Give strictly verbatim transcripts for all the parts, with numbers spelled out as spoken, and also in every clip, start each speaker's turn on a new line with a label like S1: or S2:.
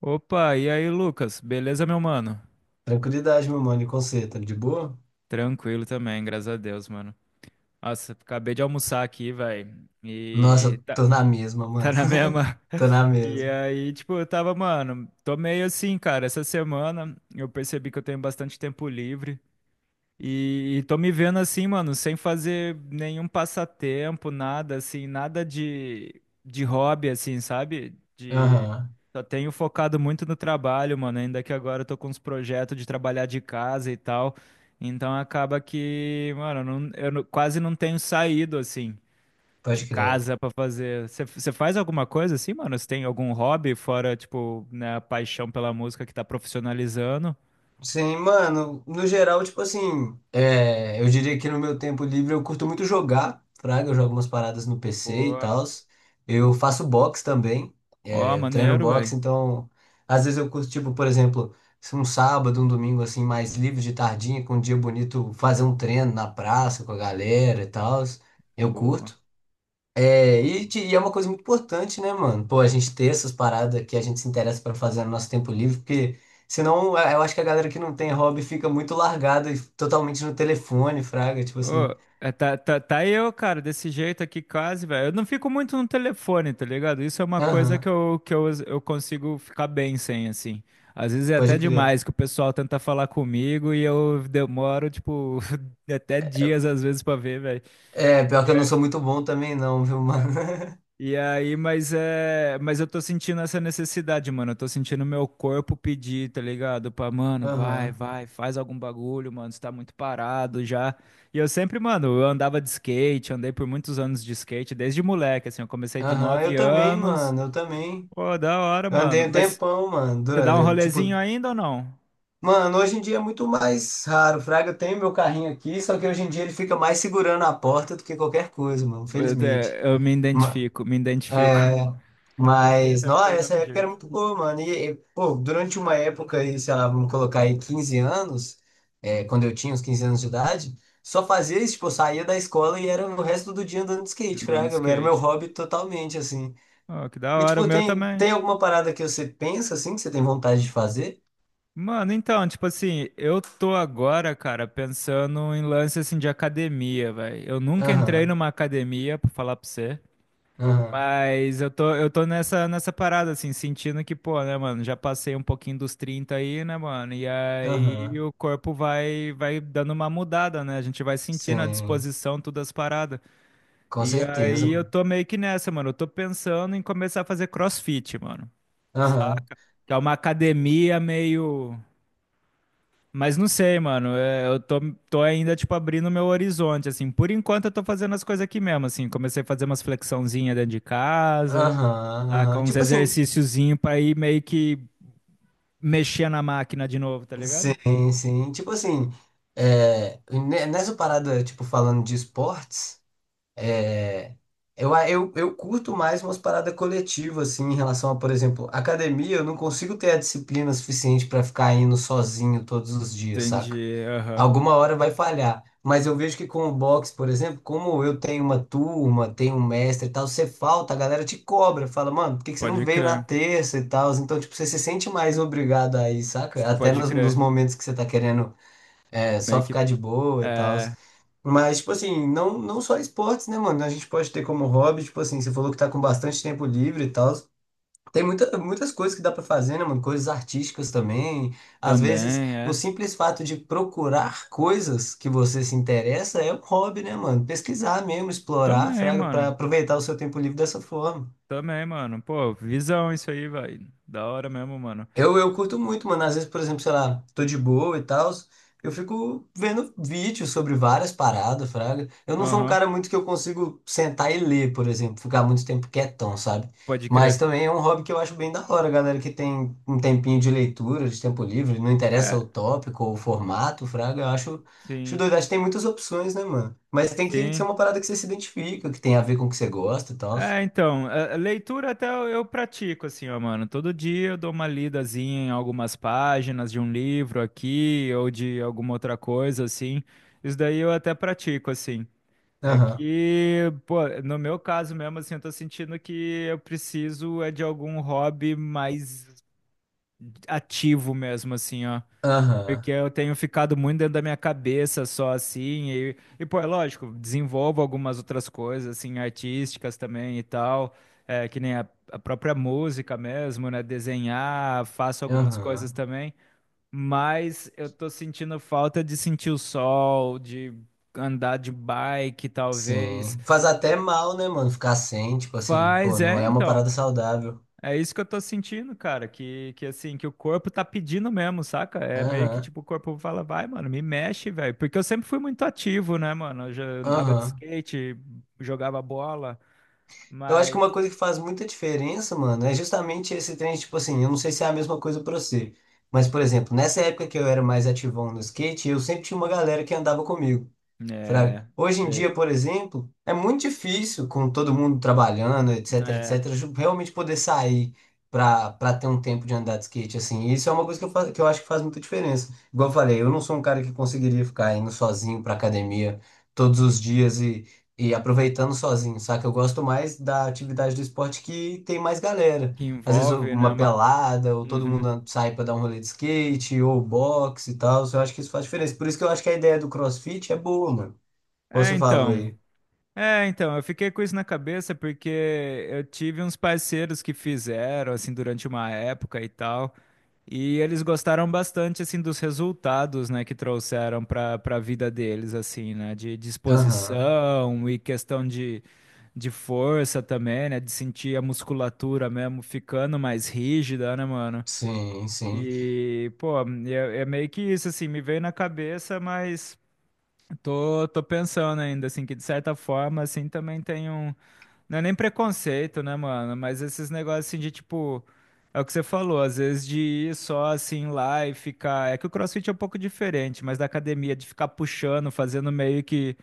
S1: Opa, e aí, Lucas? Beleza, meu mano?
S2: Tranquilidade, meu mano. E com você, tá de boa?
S1: Tranquilo também, graças a Deus, mano. Nossa, acabei de almoçar aqui, velho. E
S2: Nossa,
S1: tá,
S2: tô na mesma,
S1: tá
S2: mano.
S1: na mesma.
S2: Tô na
S1: E
S2: mesma.
S1: aí, tipo, eu tava, mano, tô meio assim, cara. Essa semana eu percebi que eu tenho bastante tempo livre. E, e tô me vendo assim, mano, sem fazer nenhum passatempo, nada assim, nada de, de hobby, assim, sabe? De,
S2: Aham,
S1: só tenho focado muito no trabalho, mano. Ainda que agora eu tô com uns projetos de trabalhar de casa e tal. Então acaba que, mano, eu não- eu não- quase não tenho saído, assim, de
S2: pode crer.
S1: casa pra fazer. Você faz alguma coisa assim, mano? Você tem algum hobby fora, tipo, né, a paixão pela música que tá profissionalizando?
S2: Sim, mano, no geral, tipo assim, é, eu diria que no meu tempo livre eu curto muito jogar, fraga, eu jogo umas paradas no P C e
S1: Boa.
S2: tal. Eu faço boxe também,
S1: Ó,
S2: é, eu treino
S1: maneiro,
S2: boxe,
S1: velho.
S2: então às vezes eu curto, tipo, por exemplo, se um sábado, um domingo assim, mais livre de tardinha, com um dia bonito, fazer um treino na praça com a galera e tal. Eu
S1: Boa.
S2: curto. É,
S1: Boa,
S2: e,
S1: boa.
S2: te- e é uma coisa muito importante, né, mano? Pô, a gente ter essas paradas que a gente se interessa pra fazer no nosso tempo livre, porque senão eh, eu acho que a galera que não tem hobby fica muito largada e totalmente no telefone, fraga, tipo
S1: Ô,
S2: assim.
S1: é, tá, tá, tá eu, cara, desse jeito aqui quase, velho. Eu não fico muito no telefone, tá ligado? Isso é uma coisa
S2: Aham,
S1: que eu, que eu, eu consigo ficar bem sem, assim. Às vezes é até
S2: pode crer.
S1: demais que o pessoal tenta falar comigo e eu demoro, tipo, até dias às vezes pra ver, velho.
S2: É, pior que eu não sou muito bom também não, viu, mano?
S1: E aí, mas é, mas eu tô sentindo essa necessidade, mano. Eu tô sentindo meu corpo pedir, tá ligado? Pra, mano, vai,
S2: Aham,
S1: vai, faz algum bagulho, mano. Você tá muito parado já. E eu sempre, mano, eu andava de skate, andei por muitos anos de skate, desde moleque, assim. Eu comecei de
S2: aham,
S1: nove
S2: eu também,
S1: anos.
S2: mano, eu também.
S1: Pô, da hora,
S2: Eu andei
S1: mano.
S2: um
S1: Mas
S2: tempão, mano,
S1: você
S2: dura-
S1: dá um
S2: eh, tipo.
S1: rolezinho ainda ou não?
S2: Mano, hoje em dia é muito mais raro, fraga. Eu tenho meu carrinho aqui, só que hoje em dia ele fica mais segurando a porta do que qualquer coisa, mano,
S1: Eu, te-
S2: felizmente.
S1: eu me
S2: Ma-
S1: identifico, me identifico.
S2: É,
S1: Porque
S2: mas,
S1: também tá
S2: nossa,
S1: do
S2: essa
S1: mesmo
S2: época era
S1: jeito.
S2: muito boa, mano. E, e, pô, durante uma época aí, sei lá, vamos colocar aí quinze anos, é, quando eu tinha uns quinze anos de idade, só fazia isso, tipo, eu saía da escola e era o resto do dia andando de skate,
S1: Andando de
S2: fraga, era meu
S1: skate.
S2: hobby totalmente, assim.
S1: Ó, que da
S2: E,
S1: hora, o
S2: tipo,
S1: meu
S2: tem,
S1: também.
S2: tem alguma parada que você pensa, assim, que você tem vontade de fazer?
S1: Mano, então, tipo assim, eu tô agora, cara, pensando em lance assim de academia, velho. Eu nunca entrei
S2: Aham,
S1: numa academia, pra falar pra você,
S2: aham,
S1: mas eu tô, eu tô nessa, nessa parada, assim, sentindo que, pô, né, mano, já passei um pouquinho dos trinta aí, né, mano? E aí
S2: aham,
S1: o corpo vai, vai dando uma mudada, né? A gente vai sentindo a
S2: sim,
S1: disposição, todas as paradas.
S2: com
S1: E
S2: certeza,
S1: aí eu
S2: mano.
S1: tô meio que nessa, mano. Eu tô pensando em começar a fazer CrossFit, mano.
S2: Aham,
S1: Saca? Que é uma academia meio. Mas não sei, mano. é, Eu tô, tô ainda, tipo, abrindo meu horizonte, assim. Por enquanto, eu tô fazendo as coisas aqui mesmo, assim. Comecei a fazer umas flexãozinhas dentro de casa,
S2: aham,
S1: tá? Com
S2: aham.
S1: uns
S2: Tipo assim,
S1: exercíciozinhos pra ir meio que mexer na máquina de novo, tá ligado?
S2: sim, sim. Tipo assim, é, ne- nessa parada, tipo, falando de esportes, é, eu, eu, eu curto mais umas paradas coletivas, assim, em relação a, por exemplo, academia, eu não consigo ter a disciplina suficiente pra ficar indo sozinho todos os dias, saca?
S1: Entendi. Aham.
S2: Alguma hora vai falhar. Mas eu vejo que com o boxe, por exemplo, como eu tenho uma turma, tenho um mestre e tal, você falta, a galera te cobra, fala, mano, por que que você não
S1: Pode
S2: veio na
S1: crer.
S2: terça e tal? Então, tipo, você se sente mais obrigado aí, saca? Até
S1: Pode
S2: nos, nos
S1: crer.
S2: momentos que você tá querendo é,
S1: Meio
S2: só
S1: que.
S2: ficar de boa e tal.
S1: É.
S2: Mas, tipo assim, não, não só esportes, né, mano? A gente pode ter como hobby, tipo assim, você falou que tá com bastante tempo livre e tal. Tem muita, muitas coisas que dá pra fazer, né, mano? Coisas artísticas também. Às vezes,
S1: Também,
S2: o
S1: é.
S2: simples fato de procurar coisas que você se interessa é um hobby, né, mano? Pesquisar mesmo, explorar,
S1: Também,
S2: fraga, pra
S1: mano.
S2: aproveitar o seu tempo livre dessa forma.
S1: Também, mano. Pô, visão isso aí, vai. Da hora mesmo, mano.
S2: Eu, eu curto muito, mano. Às vezes, por exemplo, sei lá, tô de boa e tal, eu fico vendo vídeos sobre várias paradas, fraga. Eu não sou um
S1: Aham.
S2: cara muito que eu consigo sentar e ler, por exemplo, ficar muito tempo quietão, sabe?
S1: Pode
S2: Mas
S1: crer.
S2: também é um hobby que eu acho bem da hora, galera que tem um tempinho de leitura, de tempo livre, não interessa
S1: É.
S2: o tópico ou o formato, fraga, eu acho, acho
S1: Sim.
S2: doido. Acho que tem muitas opções, né, mano? Mas tem que ser
S1: Sim.
S2: uma parada que você se identifica, que tem a ver com o que você gosta e tal.
S1: É, então, a- a leitura até eu eu pratico, assim, ó, mano. Todo dia eu dou uma lidazinha em algumas páginas de um livro aqui ou de alguma outra coisa, assim. Isso daí eu até pratico, assim. É
S2: Aham,
S1: que, pô, no meu caso mesmo, assim, eu tô sentindo que eu preciso é de algum hobby mais ativo mesmo, assim, ó.
S2: aham,
S1: Porque eu tenho ficado muito dentro da minha cabeça só assim, e, e pô, é lógico, desenvolvo algumas outras coisas, assim, artísticas também e tal, é, que nem a, a própria música mesmo, né? Desenhar, faço algumas coisas
S2: aham.
S1: também, mas eu tô sentindo falta de sentir o sol, de andar de bike, talvez.
S2: Sim. Faz até mal, né, mano? Ficar sem, tipo assim, pô,
S1: Faz,
S2: não
S1: é,
S2: é uma
S1: então.
S2: parada saudável.
S1: É isso que eu tô sentindo, cara, que, que assim, que o corpo tá pedindo mesmo, saca? É meio que
S2: Aham,
S1: tipo, o corpo fala, vai, mano, me mexe, velho. Porque eu sempre fui muito ativo, né, mano? Eu já andava de
S2: aham.
S1: skate, jogava bola,
S2: Eu acho que
S1: mas.
S2: uma coisa que faz muita diferença, mano, é justamente esse trem, tipo assim, eu não sei se é a mesma coisa pra você. Mas, por exemplo, nessa época que eu era mais ativão no skate, eu sempre tinha uma galera que andava comigo. Fraga.
S1: É,
S2: Hoje em
S1: sei.
S2: dia, por exemplo, é muito difícil, com todo mundo trabalhando, etc,
S1: É,
S2: etc, ju- realmente poder sair pra, pra ter um tempo de andar de skate, assim. E isso é uma coisa que eu, fa- que eu acho que faz muita diferença. Igual eu falei, eu não sou um cara que conseguiria ficar indo sozinho pra academia todos os dias e, e aproveitando sozinho, saca? Eu gosto mais da atividade do esporte que tem mais galera.
S1: que
S2: Às vezes
S1: envolve, né?
S2: uma
S1: Uma...
S2: pelada, ou todo
S1: Uhum.
S2: mundo sai pra dar um rolê de skate, ou boxe e tal. Eu acho que isso faz diferença. Por isso que eu acho que a ideia do CrossFit é boa, mano.
S1: É,
S2: Você falou
S1: então.
S2: aí.
S1: É, então, eu fiquei com isso na cabeça porque eu tive uns parceiros que fizeram, assim, durante uma época e tal. E eles gostaram bastante assim dos resultados, né, que trouxeram para para a vida deles assim, né, de
S2: Aham.
S1: disposição e questão de, de força também, né, de sentir a musculatura mesmo ficando mais rígida, né, mano?
S2: Sim, sim.
S1: E, pô, é, é meio que isso assim, me veio na cabeça, mas tô tô pensando ainda assim que de certa forma assim também tem um não é nem preconceito, né, mano? Mas esses negócios assim de tipo. É o que você falou, às vezes de ir só assim lá e ficar. É que o CrossFit é um pouco diferente, mas da academia, de ficar puxando, fazendo meio que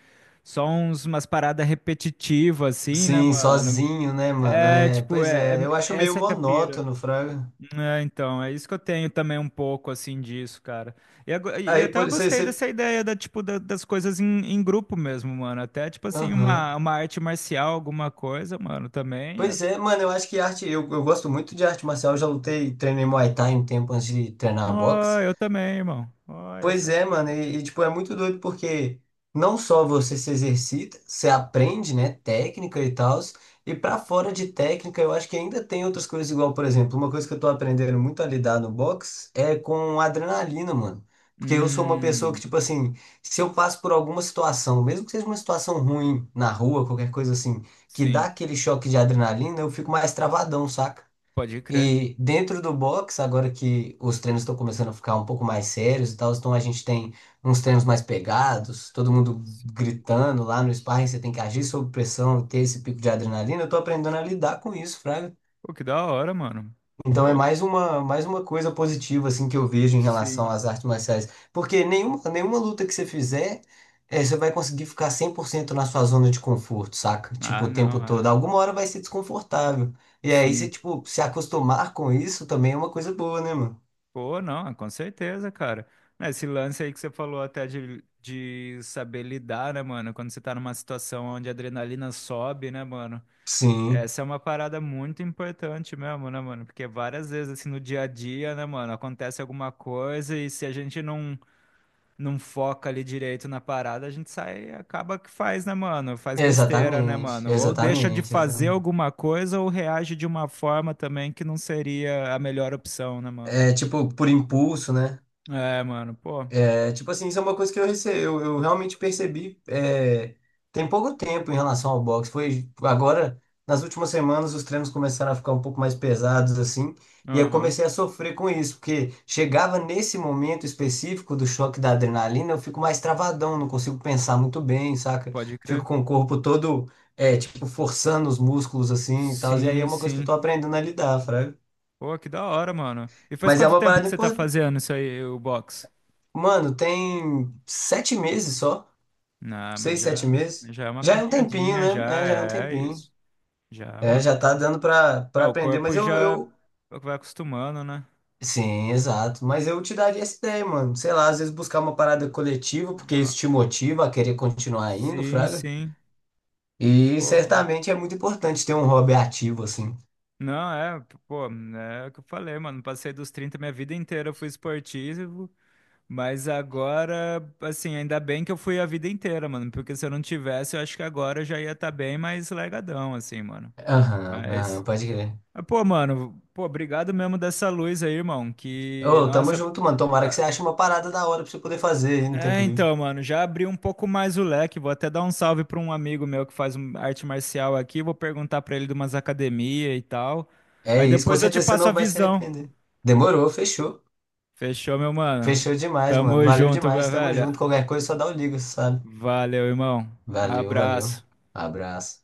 S1: só uns, umas paradas repetitivas, assim, né,
S2: Sim,
S1: mano?
S2: sozinho, né, mano?
S1: É,
S2: É,
S1: tipo,
S2: pois
S1: é, é-
S2: é, eu acho meio
S1: essa que é a pira.
S2: monótono, Fraga.
S1: É, então, é isso que eu tenho também um pouco, assim, disso, cara. E, ago- e
S2: Aí,
S1: até eu
S2: por isso aí
S1: gostei
S2: você.
S1: dessa ideia da, tipo, da- das coisas em, em grupo mesmo, mano. Até, tipo assim,
S2: Aham.
S1: uma, uma arte marcial, alguma coisa, mano, também. É...
S2: Pois é, mano, eu acho que arte. Eu, eu gosto muito de arte marcial. Eu já lutei, treinei Muay Thai um tempo antes de treinar
S1: Ó,
S2: boxe.
S1: eu também, irmão. Olha
S2: Pois
S1: só que
S2: é, mano,
S1: fita.
S2: e, e, tipo, é muito doido porque não só você se exercita, você aprende, né, técnica e tal, e pra fora de técnica eu acho que ainda tem outras coisas igual, por exemplo, uma coisa que eu tô aprendendo muito a lidar no box é com adrenalina, mano. Porque eu sou uma pessoa que,
S1: Hum,
S2: tipo assim, se eu passo por alguma situação, mesmo que seja uma situação ruim na rua, qualquer coisa assim, que dá
S1: sim,
S2: aquele choque de adrenalina, eu fico mais travadão, saca?
S1: pode crer.
S2: E dentro do box, agora que os treinos estão começando a ficar um pouco mais sérios e tal, então a gente tem uns treinos mais pegados, todo mundo
S1: Sim.
S2: gritando lá no sparring, você tem que agir sob pressão, ter esse pico de adrenalina. Eu tô aprendendo a lidar com isso, Fraga.
S1: Pô, que da hora, mano.
S2: Então é
S1: Pô,
S2: mais uma, mais uma coisa positiva assim que eu vejo em relação
S1: sim.
S2: às artes marciais, porque nenhuma, nenhuma luta que você fizer, eh, você vai conseguir ficar cem por cento na sua zona de conforto, saca? Tipo,
S1: Ah,
S2: o
S1: não,
S2: tempo todo.
S1: é.
S2: Alguma hora vai ser desconfortável. E aí você,
S1: Sim.
S2: tipo, se acostumar com isso também é uma coisa boa, né, mano?
S1: Pô, não, com certeza, cara. Esse lance aí que você falou até de, de saber lidar, né, mano? Quando você tá numa situação onde a adrenalina sobe, né, mano?
S2: Sim,
S1: Essa é uma parada muito importante mesmo, né, mano? Porque várias vezes, assim, no dia a dia, né, mano, acontece alguma coisa e se a gente não, não foca ali direito na parada, a gente sai, acaba que faz, né, mano? Faz besteira, né,
S2: exatamente,
S1: mano? Ou deixa de
S2: exatamente,
S1: fazer
S2: exatamente.
S1: alguma coisa ou reage de uma forma também que não seria a melhor opção, né, mano?
S2: É tipo por impulso, né?
S1: É, mano, pô.
S2: É, tipo assim, isso é uma coisa que eu, rece... eu, eu realmente percebi é, tem pouco tempo em relação ao boxe. Foi agora, nas últimas semanas, os treinos começaram a ficar um pouco mais pesados, assim, e eu
S1: Aham,
S2: comecei a sofrer com isso, porque chegava nesse momento específico do choque da adrenalina, eu fico mais travadão, não consigo pensar muito bem, saca?
S1: pode
S2: Fico
S1: crer.
S2: com o corpo todo, é, tipo, forçando os músculos, assim, e tal, e aí é
S1: Sim,
S2: uma coisa que eu
S1: sim.
S2: tô aprendendo a lidar, fraga.
S1: Pô, que da hora, mano. E faz
S2: Mas é
S1: quanto
S2: uma
S1: tempo que
S2: parada
S1: você tá
S2: importante.
S1: fazendo isso aí, o box?
S2: Mano, tem sete meses só.
S1: Não, mas
S2: Seis, sete
S1: já,
S2: meses?
S1: já é uma
S2: Já é um tempinho,
S1: caminhadinha,
S2: né? É,
S1: já
S2: já é um
S1: é
S2: tempinho.
S1: isso. Já,
S2: É,
S1: mano.
S2: já tá dando pra,
S1: É,
S2: pra
S1: o
S2: aprender, mas
S1: corpo
S2: eu,
S1: já
S2: eu.
S1: vai acostumando, né?
S2: Sim, exato. Mas eu te daria essa ideia, mano. Sei lá, às vezes buscar uma parada coletiva, porque
S1: Uma-
S2: isso te motiva a querer continuar indo,
S1: Sim,
S2: fraga.
S1: sim.
S2: E
S1: Pô, mano.
S2: certamente é muito importante ter um hobby ativo, assim.
S1: Não, é, pô, é o que eu falei, mano. Passei dos trinta, minha vida inteira eu fui esportivo. Mas agora, assim, ainda bem que eu fui a vida inteira, mano. Porque se eu não tivesse, eu acho que agora eu já ia estar bem mais legadão, assim, mano.
S2: Aham, aham,
S1: Mas,
S2: pode crer.
S1: mas, pô, mano, pô, obrigado mesmo dessa luz aí, irmão. Que,
S2: Ô, tamo
S1: nossa.
S2: junto, mano. Tomara que
S1: tá-
S2: você ache uma parada da hora pra você poder fazer aí no
S1: É,
S2: tempo livre.
S1: então, mano, já abri um pouco mais o leque. Vou até dar um salve pra um amigo meu que faz um- arte marcial aqui. Vou perguntar pra ele de umas academias e tal.
S2: É
S1: Aí
S2: isso, com
S1: depois eu te
S2: certeza você
S1: passo a
S2: não vai se
S1: visão.
S2: arrepender. Demorou, fechou.
S1: Fechou, meu mano?
S2: Fechou demais, mano.
S1: Tamo
S2: Valeu
S1: junto,
S2: demais. Tamo
S1: velho.
S2: junto. Qualquer coisa, só dá o liga, sabe?
S1: Valeu, irmão.
S2: Valeu, valeu.
S1: Abraço.
S2: Abraço.